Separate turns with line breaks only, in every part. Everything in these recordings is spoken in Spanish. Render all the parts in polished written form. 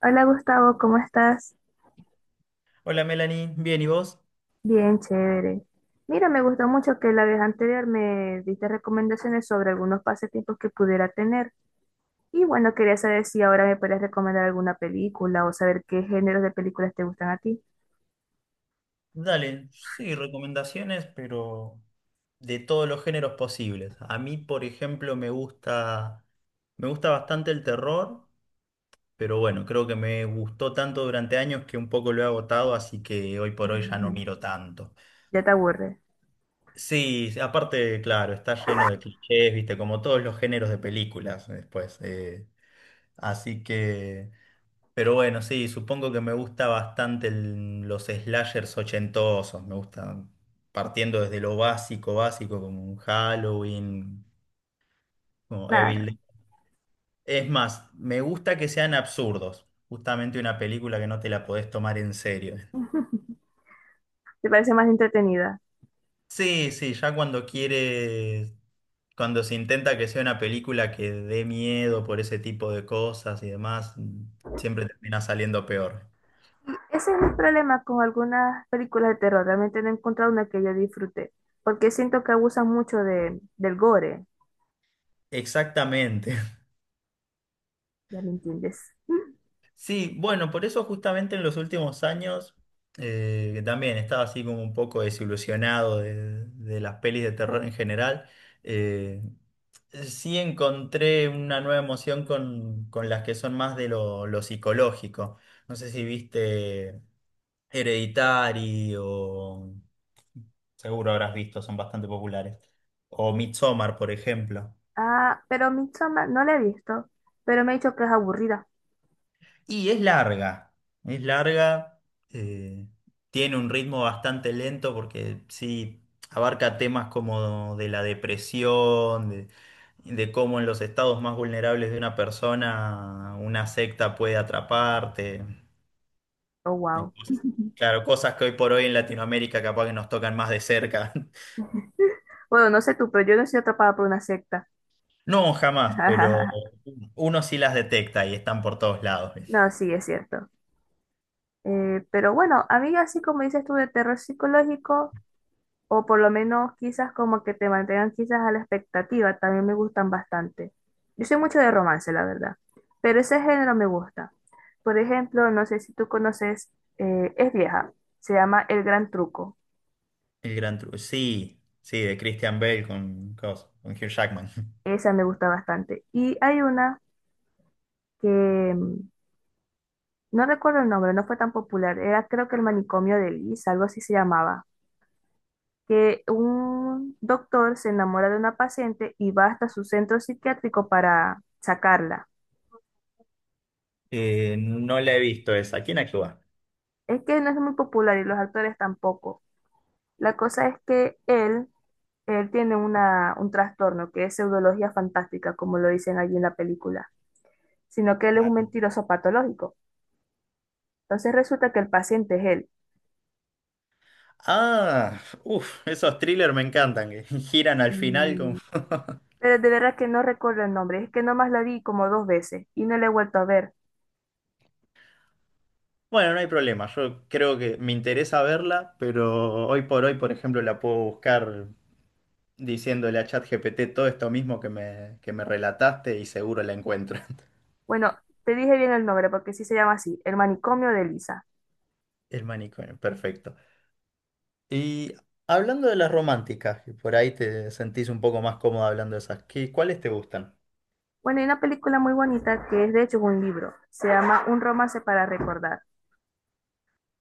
Hola Gustavo, ¿cómo estás?
Hola Melanie, bien, ¿y vos?
Bien, chévere. Mira, me gustó mucho que la vez anterior me diste recomendaciones sobre algunos pasatiempos que pudiera tener. Y bueno, quería saber si ahora me puedes recomendar alguna película o saber qué géneros de películas te gustan a ti.
Dale, sí, recomendaciones, pero de todos los géneros posibles. A mí, por ejemplo, me gusta bastante el terror, pero bueno, creo que me gustó tanto durante años que un poco lo he agotado, así que hoy por hoy ya no
Ujú.
miro tanto.
Ya te aburre.
Sí, sí, aparte, claro, está lleno de clichés, viste, como todos los géneros de películas después. Así que... Pero bueno, sí, supongo que me gusta bastante los slashers ochentosos. Me gustan partiendo desde lo básico, básico, como un Halloween, como Evil
Claro,
Dead. Es más, me gusta que sean absurdos. Justamente una película que no te la podés tomar en serio.
te parece más entretenida.
Sí, sí, cuando se intenta que sea una película que dé miedo por ese tipo de cosas y demás, siempre termina saliendo peor.
Y ese es mi problema con algunas películas de terror. Realmente no he encontrado una que yo disfrute, porque siento que abusan mucho del gore.
Exactamente.
¿Ya me entiendes?
Sí, bueno, por eso justamente en los últimos años que también estaba así como un poco desilusionado de las pelis de terror en general. eh, sí encontré una nueva emoción con las que son más de lo psicológico. No sé si viste Hereditary o seguro habrás visto, son bastante populares. O Midsommar, por ejemplo.
Ah, pero Midsommar no la he visto, pero me ha dicho que es aburrida.
Y es larga, es larga, eh, tiene un ritmo bastante lento porque sí abarca temas como de la depresión, de cómo en los estados más vulnerables de una persona una secta puede atraparte.
Oh, wow.
Claro, cosas que hoy por hoy en Latinoamérica capaz que nos tocan más de cerca.
Bueno, no sé tú, pero yo no soy atrapada por una secta.
No, jamás, pero uno sí las detecta y están por todos lados.
No, sí, es cierto. Pero bueno, a mí así como dices tú de terror psicológico, o por lo menos quizás como que te mantengan quizás a la expectativa, también me gustan bastante. Yo soy mucho de romance, la verdad, pero ese género me gusta. Por ejemplo, no sé si tú conoces, es vieja, se llama El Gran Truco.
El gran truco. Sí, sí, de Christian Bale con Hugh Jackman.
Esa me gusta bastante. Y hay una que mm, no recuerdo el nombre, no fue tan popular. Era creo que el manicomio de Liz, algo así se llamaba. Que un doctor se enamora de una paciente y va hasta su centro psiquiátrico para sacarla.
No la he visto esa. ¿Quién actúa?
Es que no es muy popular y los actores tampoco. La cosa es que él tiene un trastorno que es pseudología fantástica, como lo dicen allí en la película, sino que él es un mentiroso patológico. Entonces resulta que el paciente es él.
Ah, uff, esos thrillers me encantan, que giran al final con...
Sí. Pero de verdad que no recuerdo el nombre, es que nomás la vi como dos veces y no la he vuelto a ver.
Bueno, no hay problema, yo creo que me interesa verla, pero hoy por hoy, por ejemplo, la puedo buscar diciéndole a ChatGPT todo esto mismo que me relataste y seguro la encuentro.
Bueno, te dije bien el nombre porque sí se llama así, El manicomio de Lisa.
El manicomio, perfecto. Y hablando de las románticas, que por ahí te sentís un poco más cómodo hablando de esas, ¿qué, cuáles te gustan?
Bueno, hay una película muy bonita que es de hecho un libro, se llama Un romance para recordar.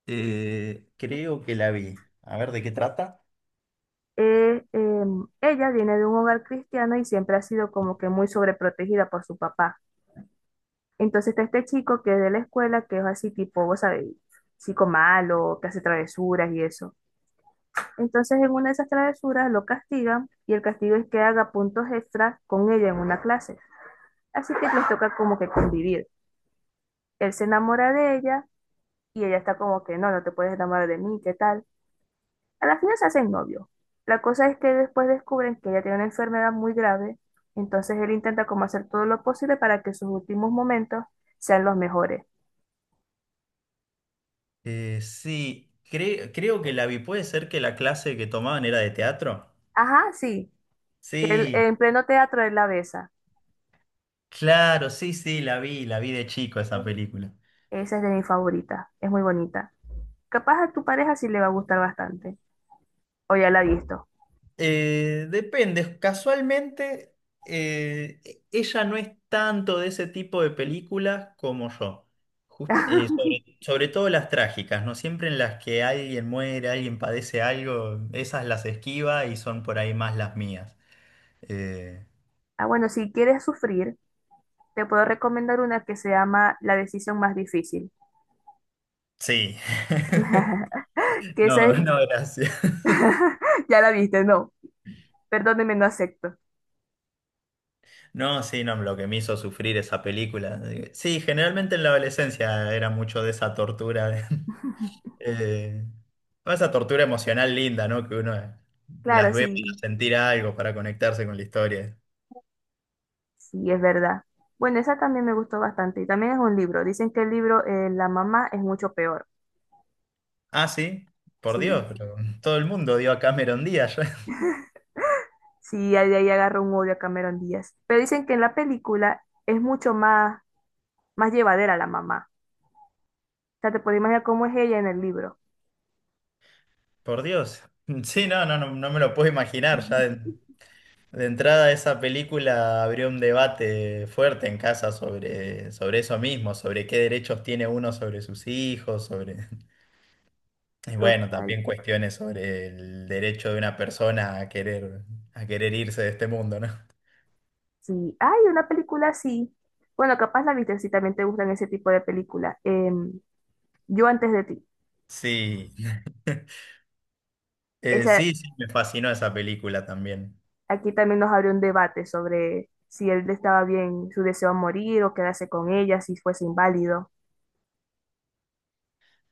Creo que la vi. A ver, ¿de qué trata?
Ella viene de un hogar cristiano y siempre ha sido como que muy sobreprotegida por su papá. Entonces está este chico que es de la escuela, que es así tipo, vos sabés, chico malo, que hace travesuras y eso. Entonces, en una de esas travesuras lo castigan y el castigo es que haga puntos extras con ella en una clase. Así que les toca como que convivir. Él se enamora de ella y ella está como que no, no te puedes enamorar de mí, ¿qué tal? A la final se hacen novios. La cosa es que después descubren que ella tiene una enfermedad muy grave, entonces él intenta como hacer todo lo posible para que sus últimos momentos sean los mejores.
Sí, creo que la vi. ¿Puede ser que la clase que tomaban era de teatro?
Ajá, sí, que él-
Sí,
en pleno teatro él la besa.
claro, sí, sí, la vi de chico esa película.
Esa es de mi favorita, es muy bonita. Capaz a tu pareja sí le va a gustar bastante. O ya la he visto.
Depende, casualmente ella no es tanto de ese tipo de películas como yo. Sobre, sobre todo las trágicas, ¿no? Siempre en las que alguien muere, alguien padece algo, esas las esquiva y son por ahí más las mías. Eh,
Ah, bueno, si quieres sufrir, te puedo recomendar una que se llama La decisión más difícil.
sí.
Que esa
No,
es...
no, gracias.
Ya la viste, no. Perdóneme, no acepto.
No, sí, no, lo que me hizo sufrir esa película. Sí, generalmente en la adolescencia era mucho de esa tortura, de- eh, esa tortura emocional linda, ¿no? Que uno las
Claro,
ve para
sí,
sentir algo, para conectarse con la historia.
sí, es verdad. Bueno, esa también me gustó bastante. Y también es un libro. Dicen que el libro la mamá es mucho peor.
Ah, sí, por Dios,
Sí,
pero todo el mundo dio a Cameron Díaz, ya.
sí, ahí, ahí agarro un odio a Cameron Díaz. Pero dicen que en la película es mucho más llevadera la mamá. O sea, te puedes imaginar cómo es ella en el libro.
Por Dios. Sí, no, no, no, no me lo puedo imaginar. Ya de entrada esa película abrió un debate fuerte en casa sobre, sobre eso mismo, sobre qué derechos tiene uno sobre sus hijos, sobre... Y bueno,
Total.
también cuestiones sobre el derecho de una persona a querer irse de este mundo, ¿no?
Sí, hay una película así. Bueno, capaz la viste si también te gustan ese tipo de películas. Em, Yo antes de ti.
Sí,
Esa,
sí, sí, me fascinó esa película también.
aquí también nos abrió un debate sobre si él estaba bien, su deseo de morir o quedarse con ella, si fuese inválido.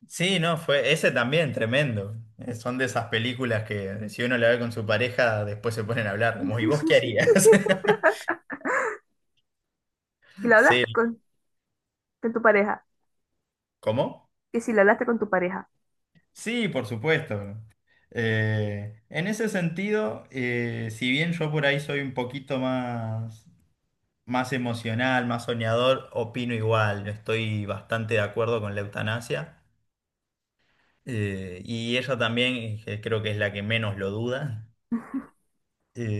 Sí, no, fue ese también, tremendo. Son de esas películas que si uno la ve con su pareja, después se ponen a hablar, como, ¿y vos qué harías?
Y lo
Sí,
hablaste con tu pareja.
¿cómo?
Que si lo hablaste con tu pareja.
Sí, por supuesto. En ese sentido, si bien yo por ahí soy un poquito más... más emocional, más soñador, opino igual. Estoy bastante de acuerdo con la eutanasia. Y ella también, que creo que es la que menos lo duda.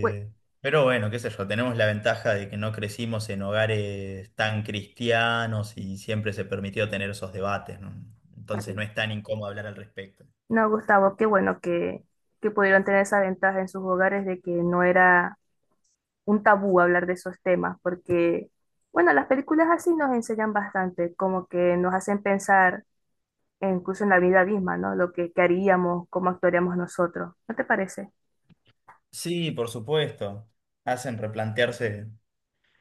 Fue
pero bueno, qué sé yo, tenemos la ventaja de que no crecimos en hogares tan cristianos y siempre se permitió tener esos debates, ¿no? Entonces no
así.
es tan incómodo hablar al respecto.
No, Gustavo, qué bueno que pudieron tener esa ventaja en sus hogares de que no era un tabú hablar de esos temas, porque, bueno, las películas así nos enseñan bastante, como que nos hacen pensar e incluso en la vida misma, ¿no? Que haríamos, cómo actuaríamos nosotros. ¿No te parece?
Sí, por supuesto. Hacen replantearse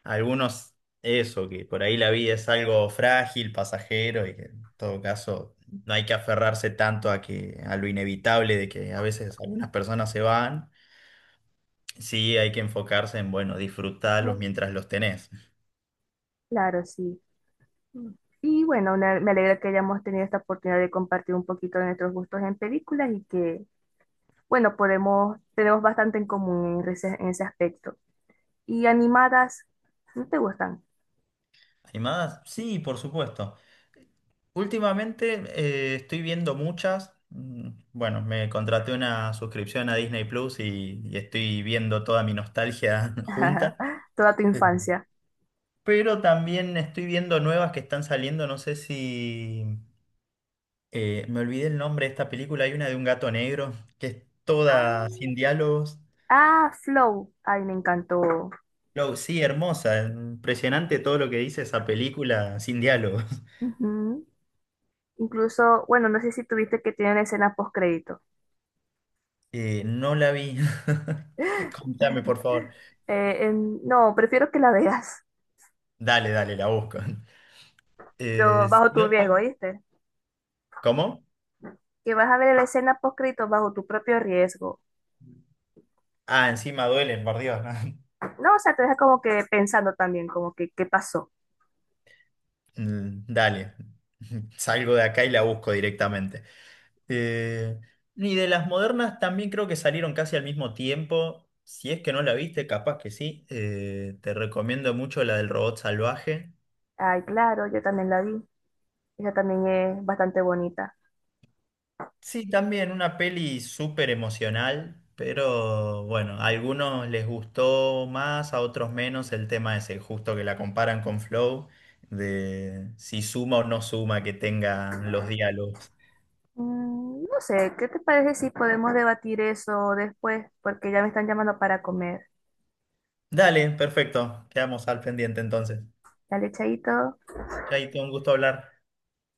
algunos, eso, que por ahí la vida es algo frágil, pasajero, y que en todo caso no hay que aferrarse tanto a que, a lo inevitable de que a veces algunas personas se van. Sí, hay que enfocarse en, bueno, disfrutarlos mientras los tenés.
Claro, sí. Mm. Y bueno, una- me alegra que hayamos tenido esta oportunidad de compartir un poquito de nuestros gustos en películas y que, bueno, podemos, tenemos bastante en común en ese aspecto. Y animadas, ¿no te gustan?
¿Animadas? Sí, por supuesto. Últimamente estoy viendo muchas. Mm, bueno, me contraté una suscripción a Disney Plus y estoy viendo toda mi nostalgia junta.
Toda tu infancia.
Pero también estoy viendo nuevas que están saliendo, no sé si... me olvidé el nombre de esta película, hay una de un gato negro, que es toda
Ah,
sin diálogos.
ah, Flow. Ay, me encantó.
No, sí, hermosa, impresionante todo lo que dice esa película sin diálogos.
Ujú. Incluso, bueno, no sé si tuviste que tienen escena post crédito.
No la vi. Contame, por favor.
No, prefiero que la veas,
Dale, dale, la busco.
pero
Si
bajo tu
no
riesgo,
te-
¿viste?
¿Cómo?
Que vas a ver la escena post crédito bajo tu propio riesgo.
Ah, encima duelen, por Dios.
No, o sea, te deja como que pensando también, como que qué pasó.
Mm, dale, salgo de acá y la busco directamente. Eh, y de las modernas también creo que salieron casi al mismo tiempo. Si es que no la viste, capaz que sí. Te recomiendo mucho la del robot salvaje.
Ay, claro, yo también la vi. Ella también es bastante bonita.
Sí, también una peli súper emocional, pero bueno, a algunos les gustó más, a otros menos el tema ese, justo que la comparan con Flow, de si suma o no suma que tengan los diálogos.
Mm, no sé, ¿qué te parece si podemos debatir eso después? Porque ya me están llamando para comer.
Dale, perfecto. Quedamos al pendiente entonces.
Dale, chaito.
Chaito, un gusto hablar.